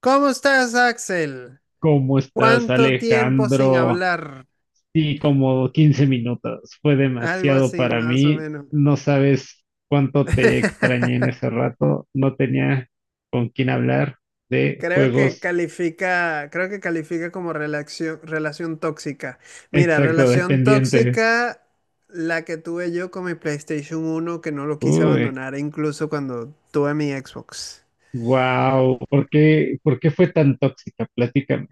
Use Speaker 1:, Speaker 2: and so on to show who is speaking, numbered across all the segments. Speaker 1: ¿Cómo estás, Axel?
Speaker 2: ¿Cómo estás,
Speaker 1: ¿Cuánto tiempo sin
Speaker 2: Alejandro?
Speaker 1: hablar?
Speaker 2: Sí, como 15 minutos. Fue
Speaker 1: Algo
Speaker 2: demasiado
Speaker 1: así,
Speaker 2: para
Speaker 1: más o
Speaker 2: mí.
Speaker 1: menos.
Speaker 2: No sabes cuánto te extrañé en ese rato. No tenía con quién hablar de
Speaker 1: Creo que
Speaker 2: juegos
Speaker 1: califica, creo que califica como relación tóxica. Mira,
Speaker 2: exacto
Speaker 1: relación
Speaker 2: dependiente.
Speaker 1: tóxica, la que tuve yo con mi PlayStation uno que no lo quise
Speaker 2: Uy,
Speaker 1: abandonar, incluso cuando tuve mi Xbox.
Speaker 2: wow. ¿Por qué fue tan tóxica? Platícame.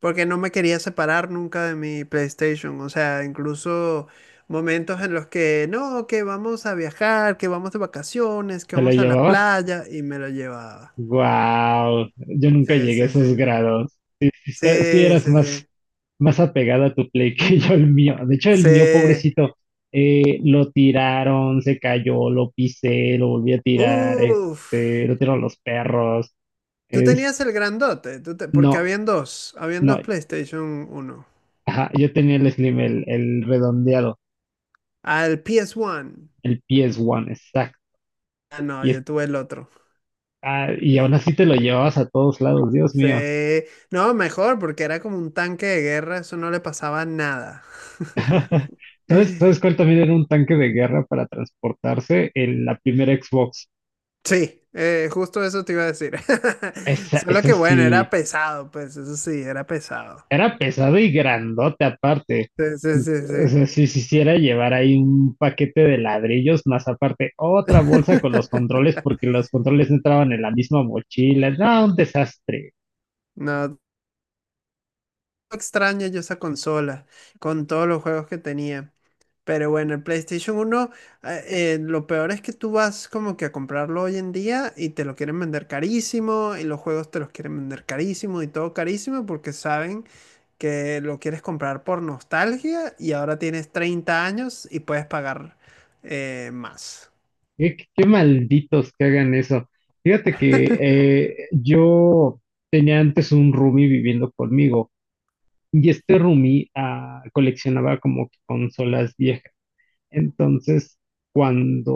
Speaker 1: Porque no me quería separar nunca de mi PlayStation. O sea, incluso momentos en los que, no, que vamos a viajar, que vamos de vacaciones, que
Speaker 2: ¿Te la
Speaker 1: vamos a la
Speaker 2: llevabas?
Speaker 1: playa, y me lo llevaba.
Speaker 2: Wow. Yo nunca
Speaker 1: Sí,
Speaker 2: llegué a
Speaker 1: sí, sí.
Speaker 2: esos grados. Sí, sí
Speaker 1: Sí,
Speaker 2: eras
Speaker 1: sí,
Speaker 2: más
Speaker 1: sí.
Speaker 2: más apegada a tu Play que yo el mío. De hecho,
Speaker 1: Sí.
Speaker 2: el mío, pobrecito, lo tiraron, se cayó, lo pisé, lo volví a tirar,
Speaker 1: Uf.
Speaker 2: lo tiraron los perros.
Speaker 1: Tú
Speaker 2: Es,
Speaker 1: tenías el grandote, porque
Speaker 2: no,
Speaker 1: habían dos
Speaker 2: no,
Speaker 1: PlayStation 1.
Speaker 2: ajá, yo tenía el Slim, el redondeado,
Speaker 1: Al PS1.
Speaker 2: el PS1, exacto.
Speaker 1: Ah, no,
Speaker 2: Y, es-
Speaker 1: yo tuve el otro.
Speaker 2: y
Speaker 1: Yo-
Speaker 2: aún así te lo llevabas a todos lados, Dios mío.
Speaker 1: Sí, no, mejor, porque era como un tanque de guerra, eso no le pasaba nada.
Speaker 2: ¿Sabes,
Speaker 1: Sí,
Speaker 2: sabes cuál también era un tanque de guerra para transportarse? La primera Xbox.
Speaker 1: justo eso te iba a decir.
Speaker 2: Esa,
Speaker 1: Solo
Speaker 2: esa
Speaker 1: que bueno, era
Speaker 2: sí,
Speaker 1: pesado, pues eso sí, era pesado.
Speaker 2: era pesado y grandote aparte.
Speaker 1: Sí, sí, sí,
Speaker 2: O
Speaker 1: sí.
Speaker 2: sea, si se hiciera llevar ahí un paquete de ladrillos, más aparte otra bolsa con los controles, porque los controles no entraban en la misma mochila. No, un desastre.
Speaker 1: No, extraña yo esa consola con todos los juegos que tenía. Pero bueno, el PlayStation uno lo peor es que tú vas como que a comprarlo hoy en día y te lo quieren vender carísimo y los juegos te los quieren vender carísimo y todo carísimo porque saben que lo quieres comprar por nostalgia y ahora tienes 30 años y puedes pagar más.
Speaker 2: Qué, qué malditos que hagan eso. Fíjate que yo tenía antes un roomie viviendo conmigo y este roomie coleccionaba como que consolas viejas. Entonces, cuando,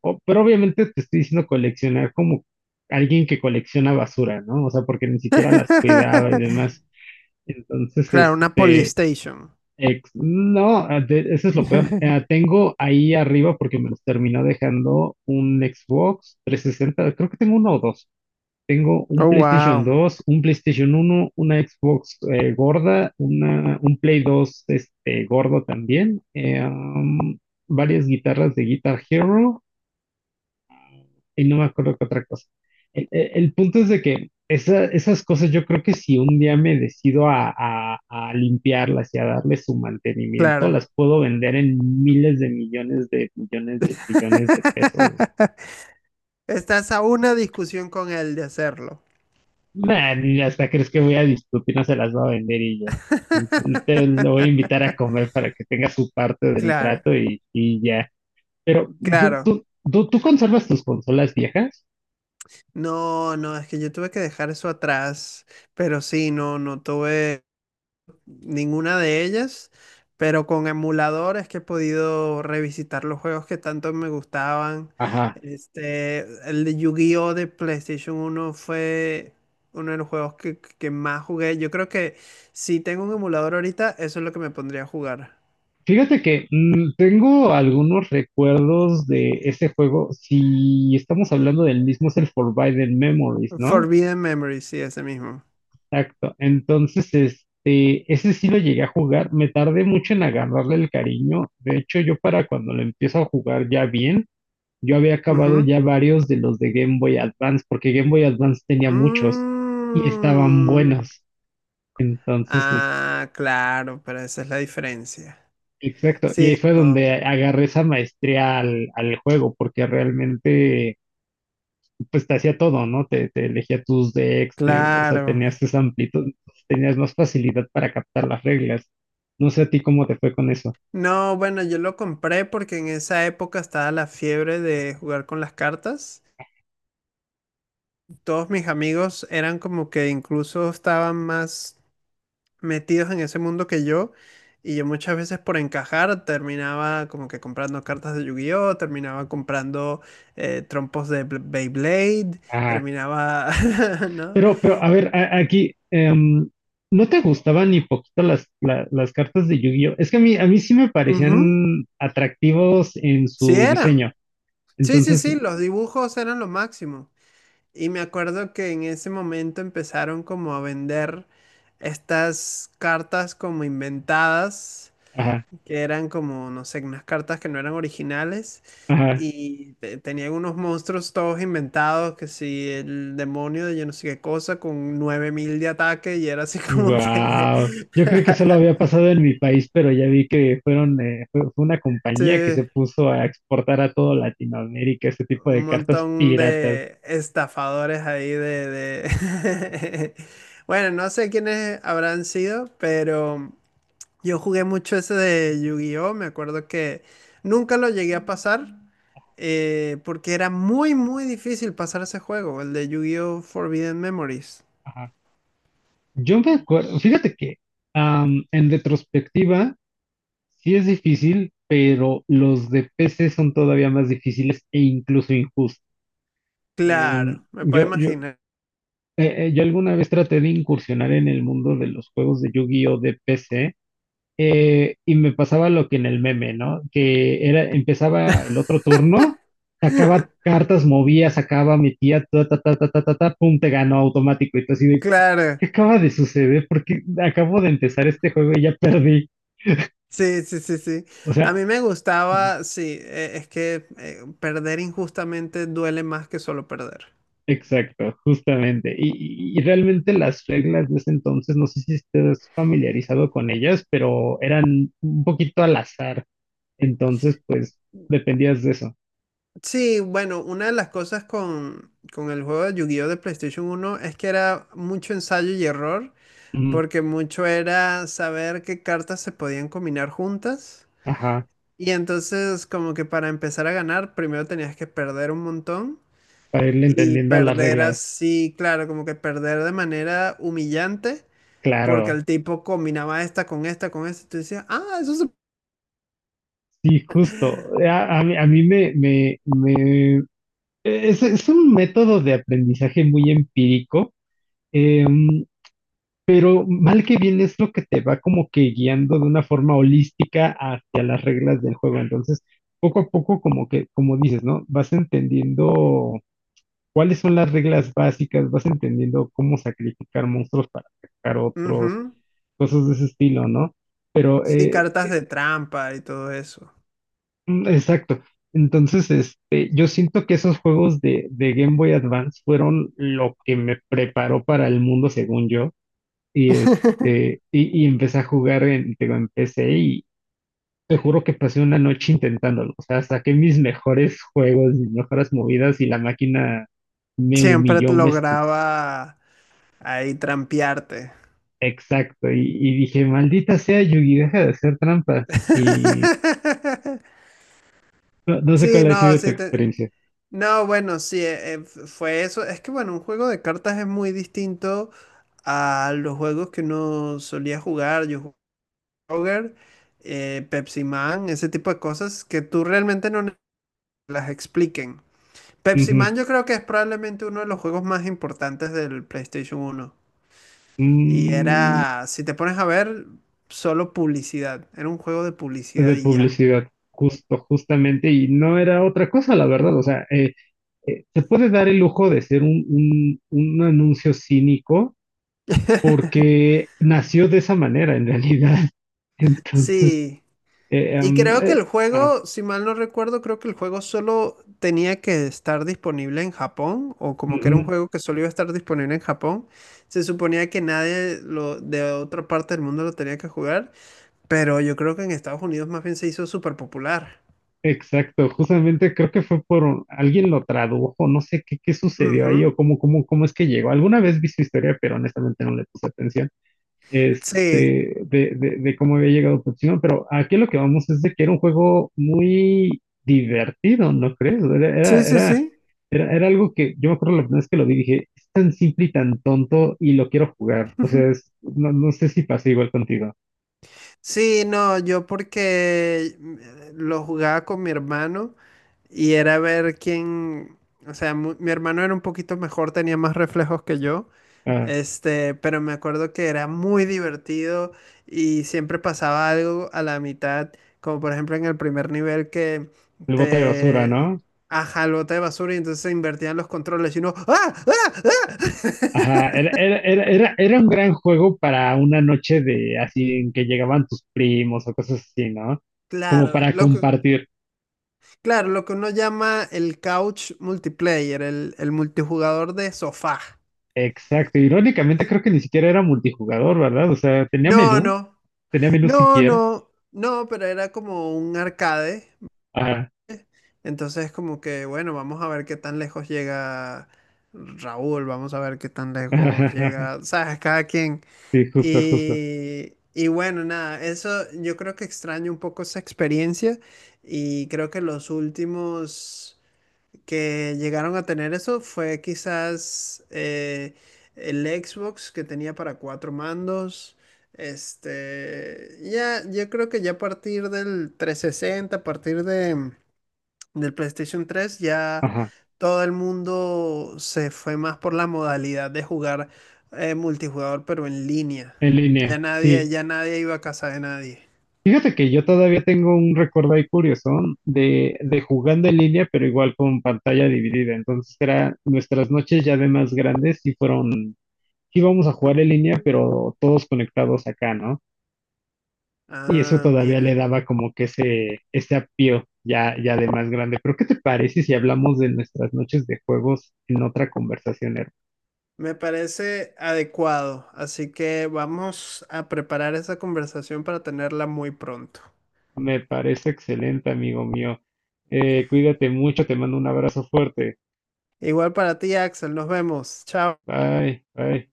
Speaker 2: pero obviamente te estoy diciendo coleccionar como alguien que colecciona basura, ¿no? O sea, porque ni siquiera las cuidaba y demás. Entonces,
Speaker 1: Claro, una
Speaker 2: este,
Speaker 1: Polystation.
Speaker 2: ex- no, ah, de- eso es lo peor. Ah, tengo ahí arriba, porque me los terminó dejando un Xbox 360, creo que tengo uno o dos. Tengo un
Speaker 1: Oh,
Speaker 2: PlayStation
Speaker 1: wow.
Speaker 2: 2, un PlayStation 1, una Xbox gorda, un Play 2 gordo también, varias guitarras de Guitar Hero y no me acuerdo qué otra cosa. El punto es de que esas cosas yo creo que si un día me decido a, a limpiarlas y a darle su mantenimiento,
Speaker 1: Claro.
Speaker 2: las puedo vender en miles de millones de millones de trillones de pesos.
Speaker 1: Estás a una discusión con él de hacerlo.
Speaker 2: Nah, ni hasta crees que voy a discutir, no se las va a vender y ya. Te lo voy a invitar a comer para que tenga su parte del
Speaker 1: Claro,
Speaker 2: trato y ya. Pero, ¿tú,
Speaker 1: claro.
Speaker 2: tú, tú conservas tus consolas viejas?
Speaker 1: No, no, es que yo tuve que dejar eso atrás, pero sí, no, no tuve ninguna de ellas, pero con emulador es que he podido revisitar los juegos que tanto me gustaban.
Speaker 2: Ajá.
Speaker 1: Este, el de Yu-Gi-Oh! De PlayStation uno fue uno de los juegos que más jugué. Yo creo que si tengo un emulador ahorita, eso es lo que me pondría a jugar.
Speaker 2: Fíjate que tengo algunos recuerdos de ese juego. Si estamos hablando del mismo, es el Forbidden Memories, ¿no?
Speaker 1: Forbidden Memory, sí, ese mismo.
Speaker 2: Exacto. Entonces, ese sí lo llegué a jugar. Me tardé mucho en agarrarle el cariño. De hecho, yo para cuando lo empiezo a jugar ya bien, yo había acabado
Speaker 1: Ujú.
Speaker 2: ya varios de los de Game Boy Advance, porque Game Boy Advance tenía muchos y estaban
Speaker 1: Mm.
Speaker 2: buenos. Entonces,
Speaker 1: Ah, claro, pero esa es la diferencia.
Speaker 2: exacto. Y
Speaker 1: Sí,
Speaker 2: ahí fue
Speaker 1: no,
Speaker 2: donde agarré esa maestría al juego, porque realmente, pues te hacía todo, ¿no? Te elegía tus decks, o sea,
Speaker 1: claro.
Speaker 2: tenías esa amplitud, tenías más facilidad para captar las reglas. No sé a ti cómo te fue con eso.
Speaker 1: No, bueno, yo lo compré porque en esa época estaba la fiebre de jugar con las cartas. Todos mis amigos eran como que incluso estaban más metidos en ese mundo que yo. Y yo muchas veces por encajar terminaba como que comprando cartas de Yu-Gi-Oh, terminaba comprando trompos de Beyblade, terminaba, ¿no?
Speaker 2: A ver, aquí, ¿no te gustaban ni poquito las cartas de Yu-Gi-Oh? Es que a mí sí me
Speaker 1: Ujú,
Speaker 2: parecían atractivos en
Speaker 1: sí
Speaker 2: su
Speaker 1: eran.
Speaker 2: diseño.
Speaker 1: Sí, sí,
Speaker 2: Entonces,
Speaker 1: sí, los dibujos eran lo máximo. Y me acuerdo que en ese momento empezaron como a vender estas cartas como inventadas,
Speaker 2: ajá,
Speaker 1: que eran como, no sé, unas cartas que no eran originales.
Speaker 2: ajá,
Speaker 1: Y tenían unos monstruos todos inventados, que si el demonio de yo no sé qué cosa, con 9000 de ataque, y era así como que...
Speaker 2: wow. Yo creo que solo había pasado en mi país, pero ya vi que fueron, fue una
Speaker 1: Sí,
Speaker 2: compañía que se puso a exportar a todo Latinoamérica este tipo
Speaker 1: un
Speaker 2: de cartas
Speaker 1: montón
Speaker 2: piratas.
Speaker 1: de estafadores ahí de... Bueno, no sé quiénes habrán sido, pero yo jugué mucho ese de Yu-Gi-Oh! Me acuerdo que nunca lo llegué a pasar, porque era muy, muy difícil pasar ese juego, el de Yu-Gi-Oh! Forbidden Memories.
Speaker 2: Ajá. Yo me acuerdo, fíjate que, en retrospectiva, sí es difícil, pero los de PC son todavía más difíciles e incluso injustos. Em,
Speaker 1: Claro, me puedo
Speaker 2: yo, yo,
Speaker 1: imaginar.
Speaker 2: yo alguna vez traté de incursionar en el mundo de los juegos de Yu-Gi-Oh! De PC y me pasaba lo que en el meme, ¿no? Que era, empezaba el otro turno, sacaba cartas, movía, sacaba, metía, ta, ta, ta, ta, ta, ta, ta, pum, te ganó automático. Y tú así de,
Speaker 1: Claro,
Speaker 2: ¿qué acaba de suceder? Porque acabo de empezar este juego y ya perdí.
Speaker 1: sí, sí, sí, sí.
Speaker 2: O
Speaker 1: A
Speaker 2: sea...
Speaker 1: mí me gustaba, sí, es que perder injustamente duele más que solo perder.
Speaker 2: Exacto, justamente. Y realmente las reglas de ese entonces, no sé si estés familiarizado con ellas, pero eran un poquito al azar. Entonces, pues, dependías de eso.
Speaker 1: Sí, bueno, una de las cosas con el juego de Yu-Gi-Oh! De PlayStation uno es que era mucho ensayo y error,
Speaker 2: Ujú,
Speaker 1: porque mucho era saber qué cartas se podían combinar juntas.
Speaker 2: ajá,
Speaker 1: Y entonces, como que para empezar a ganar, primero tenías que perder un montón.
Speaker 2: para irle
Speaker 1: Y
Speaker 2: entendiendo a las
Speaker 1: perder
Speaker 2: reglas.
Speaker 1: así, claro, como que perder de manera humillante, porque
Speaker 2: Claro,
Speaker 1: el tipo combinaba esta con esta, con esta, y tú decías, ah, eso se...
Speaker 2: sí, justo. A mí me, me, me... es un método de aprendizaje muy empírico. Em, Pero mal que bien es lo que te va como que guiando de una forma holística hacia las reglas del juego. Entonces, poco a poco, como que, como dices, ¿no? Vas entendiendo cuáles son las reglas básicas, vas entendiendo cómo sacrificar monstruos para sacar otros,
Speaker 1: ujú".
Speaker 2: cosas de ese estilo, ¿no? Pero,
Speaker 1: Sí, cartas de trampa y todo eso.
Speaker 2: exacto. Entonces, yo siento que esos juegos de Game Boy Advance fueron lo que me preparó para el mundo, según yo. Y empecé a jugar en, digo, en PC y te juro que pasé una noche intentándolo. O sea, saqué mis mejores juegos, mis mejores movidas y la máquina me
Speaker 1: Siempre te
Speaker 2: humilló, me escupió.
Speaker 1: lograba ahí trampearte.
Speaker 2: Exacto. Y dije, maldita sea, Yugi, deja de hacer trampa. Y no, no sé
Speaker 1: Sí,
Speaker 2: cuál ha
Speaker 1: no,
Speaker 2: sido tu
Speaker 1: sí,
Speaker 2: experiencia.
Speaker 1: no, bueno, sí, fue eso. Es que, bueno, un juego de cartas es muy distinto a los juegos que uno solía jugar. Yo Kroger, Pepsi Man, ese tipo de cosas que tú realmente no las expliquen. Pepsi
Speaker 2: Ujú.
Speaker 1: Man yo creo que es probablemente uno de los juegos más importantes del PlayStation uno. Y
Speaker 2: Mm,
Speaker 1: era, si te pones a ver, solo publicidad. Era un juego de publicidad
Speaker 2: de
Speaker 1: y ya.
Speaker 2: publicidad. Justo, justamente, y no era otra cosa, la verdad. O sea, se puede dar el lujo de ser un anuncio cínico porque nació de esa manera en realidad. Entonces,
Speaker 1: Sí.
Speaker 2: eh,
Speaker 1: Y
Speaker 2: em,
Speaker 1: creo que
Speaker 2: eh,
Speaker 1: el
Speaker 2: ah,
Speaker 1: juego, si mal no recuerdo, creo que el juego solo tenía que estar disponible en Japón, o como que era un
Speaker 2: ujú,
Speaker 1: juego que solo iba a estar disponible en Japón. Se suponía que nadie lo, de otra parte del mundo lo tenía que jugar, pero yo creo que en Estados Unidos más bien se hizo súper popular.
Speaker 2: exacto, justamente creo que fue por alguien lo tradujo, no sé qué, qué sucedió ahí
Speaker 1: Ujú.
Speaker 2: o cómo, cómo, cómo es que llegó. Alguna vez vi su historia, pero honestamente no le puse atención.
Speaker 1: Sí,
Speaker 2: este, de cómo había llegado Pochino, pero aquí lo que vamos es de que era un juego muy divertido, ¿no crees?
Speaker 1: sí, sí, sí.
Speaker 2: Era algo que yo me acuerdo la primera vez que lo vi, dije, es tan simple y tan tonto y lo quiero jugar. O sea, no, no sé si pasa igual contigo.
Speaker 1: Sí, no, yo porque lo jugaba con mi hermano. Y era ver quién, o sea, mi hermano era un poquito mejor, tenía más reflejos que yo,
Speaker 2: Ah,
Speaker 1: este, pero me acuerdo que era muy divertido y siempre pasaba algo a la mitad, como por ejemplo en el primer nivel que
Speaker 2: el bote de basura,
Speaker 1: te
Speaker 2: ¿no?
Speaker 1: ajá, el bote de basura y entonces se invertían los controles y uno, ¡ah! ¡Ah! ¡Ah!
Speaker 2: Ajá, era un gran juego para una noche de así en que llegaban tus primos o cosas así, ¿no? Como
Speaker 1: Claro,
Speaker 2: para
Speaker 1: lo que,
Speaker 2: compartir.
Speaker 1: claro, lo que uno llama el couch multiplayer, el multijugador de sofá.
Speaker 2: Exacto, irónicamente creo que ni siquiera era multijugador, ¿verdad? O sea,
Speaker 1: No, no,
Speaker 2: tenía menú
Speaker 1: no,
Speaker 2: siquiera.
Speaker 1: no, no, pero era como un arcade.
Speaker 2: Ajá.
Speaker 1: Entonces como que, bueno, vamos a ver qué tan lejos llega Raúl, vamos a ver qué tan lejos llega, sabes, cada quien.
Speaker 2: Sí, justo, justo.
Speaker 1: Y bueno, nada, eso yo creo que extraño un poco esa experiencia y creo que los últimos que llegaron a tener eso fue quizás el Xbox que tenía para cuatro mandos. Este, ya, yo creo que ya a partir del 360, del PlayStation 3, ya
Speaker 2: Ajá.
Speaker 1: todo el mundo se fue más por la modalidad de jugar multijugador, pero en línea.
Speaker 2: En línea, sí.
Speaker 1: Ya nadie iba a casa de nadie.
Speaker 2: Fíjate que yo todavía tengo un recuerdo ahí curioso de jugando en línea, pero igual con pantalla dividida. Entonces era nuestras noches ya de más grandes y fueron, íbamos a jugar en línea, pero todos conectados acá, ¿no? Y eso
Speaker 1: Ah,
Speaker 2: todavía le
Speaker 1: mira.
Speaker 2: daba como que ese apío ya, ya de más grande. Pero ¿qué te parece si hablamos de nuestras noches de juegos en otra conversación, Herb?
Speaker 1: Me parece adecuado, así que vamos a preparar esa conversación para tenerla muy pronto.
Speaker 2: Me parece excelente, amigo mío. Cuídate mucho, te mando un abrazo fuerte.
Speaker 1: Igual para ti, Axel, nos vemos. Chao.
Speaker 2: Bye, bye.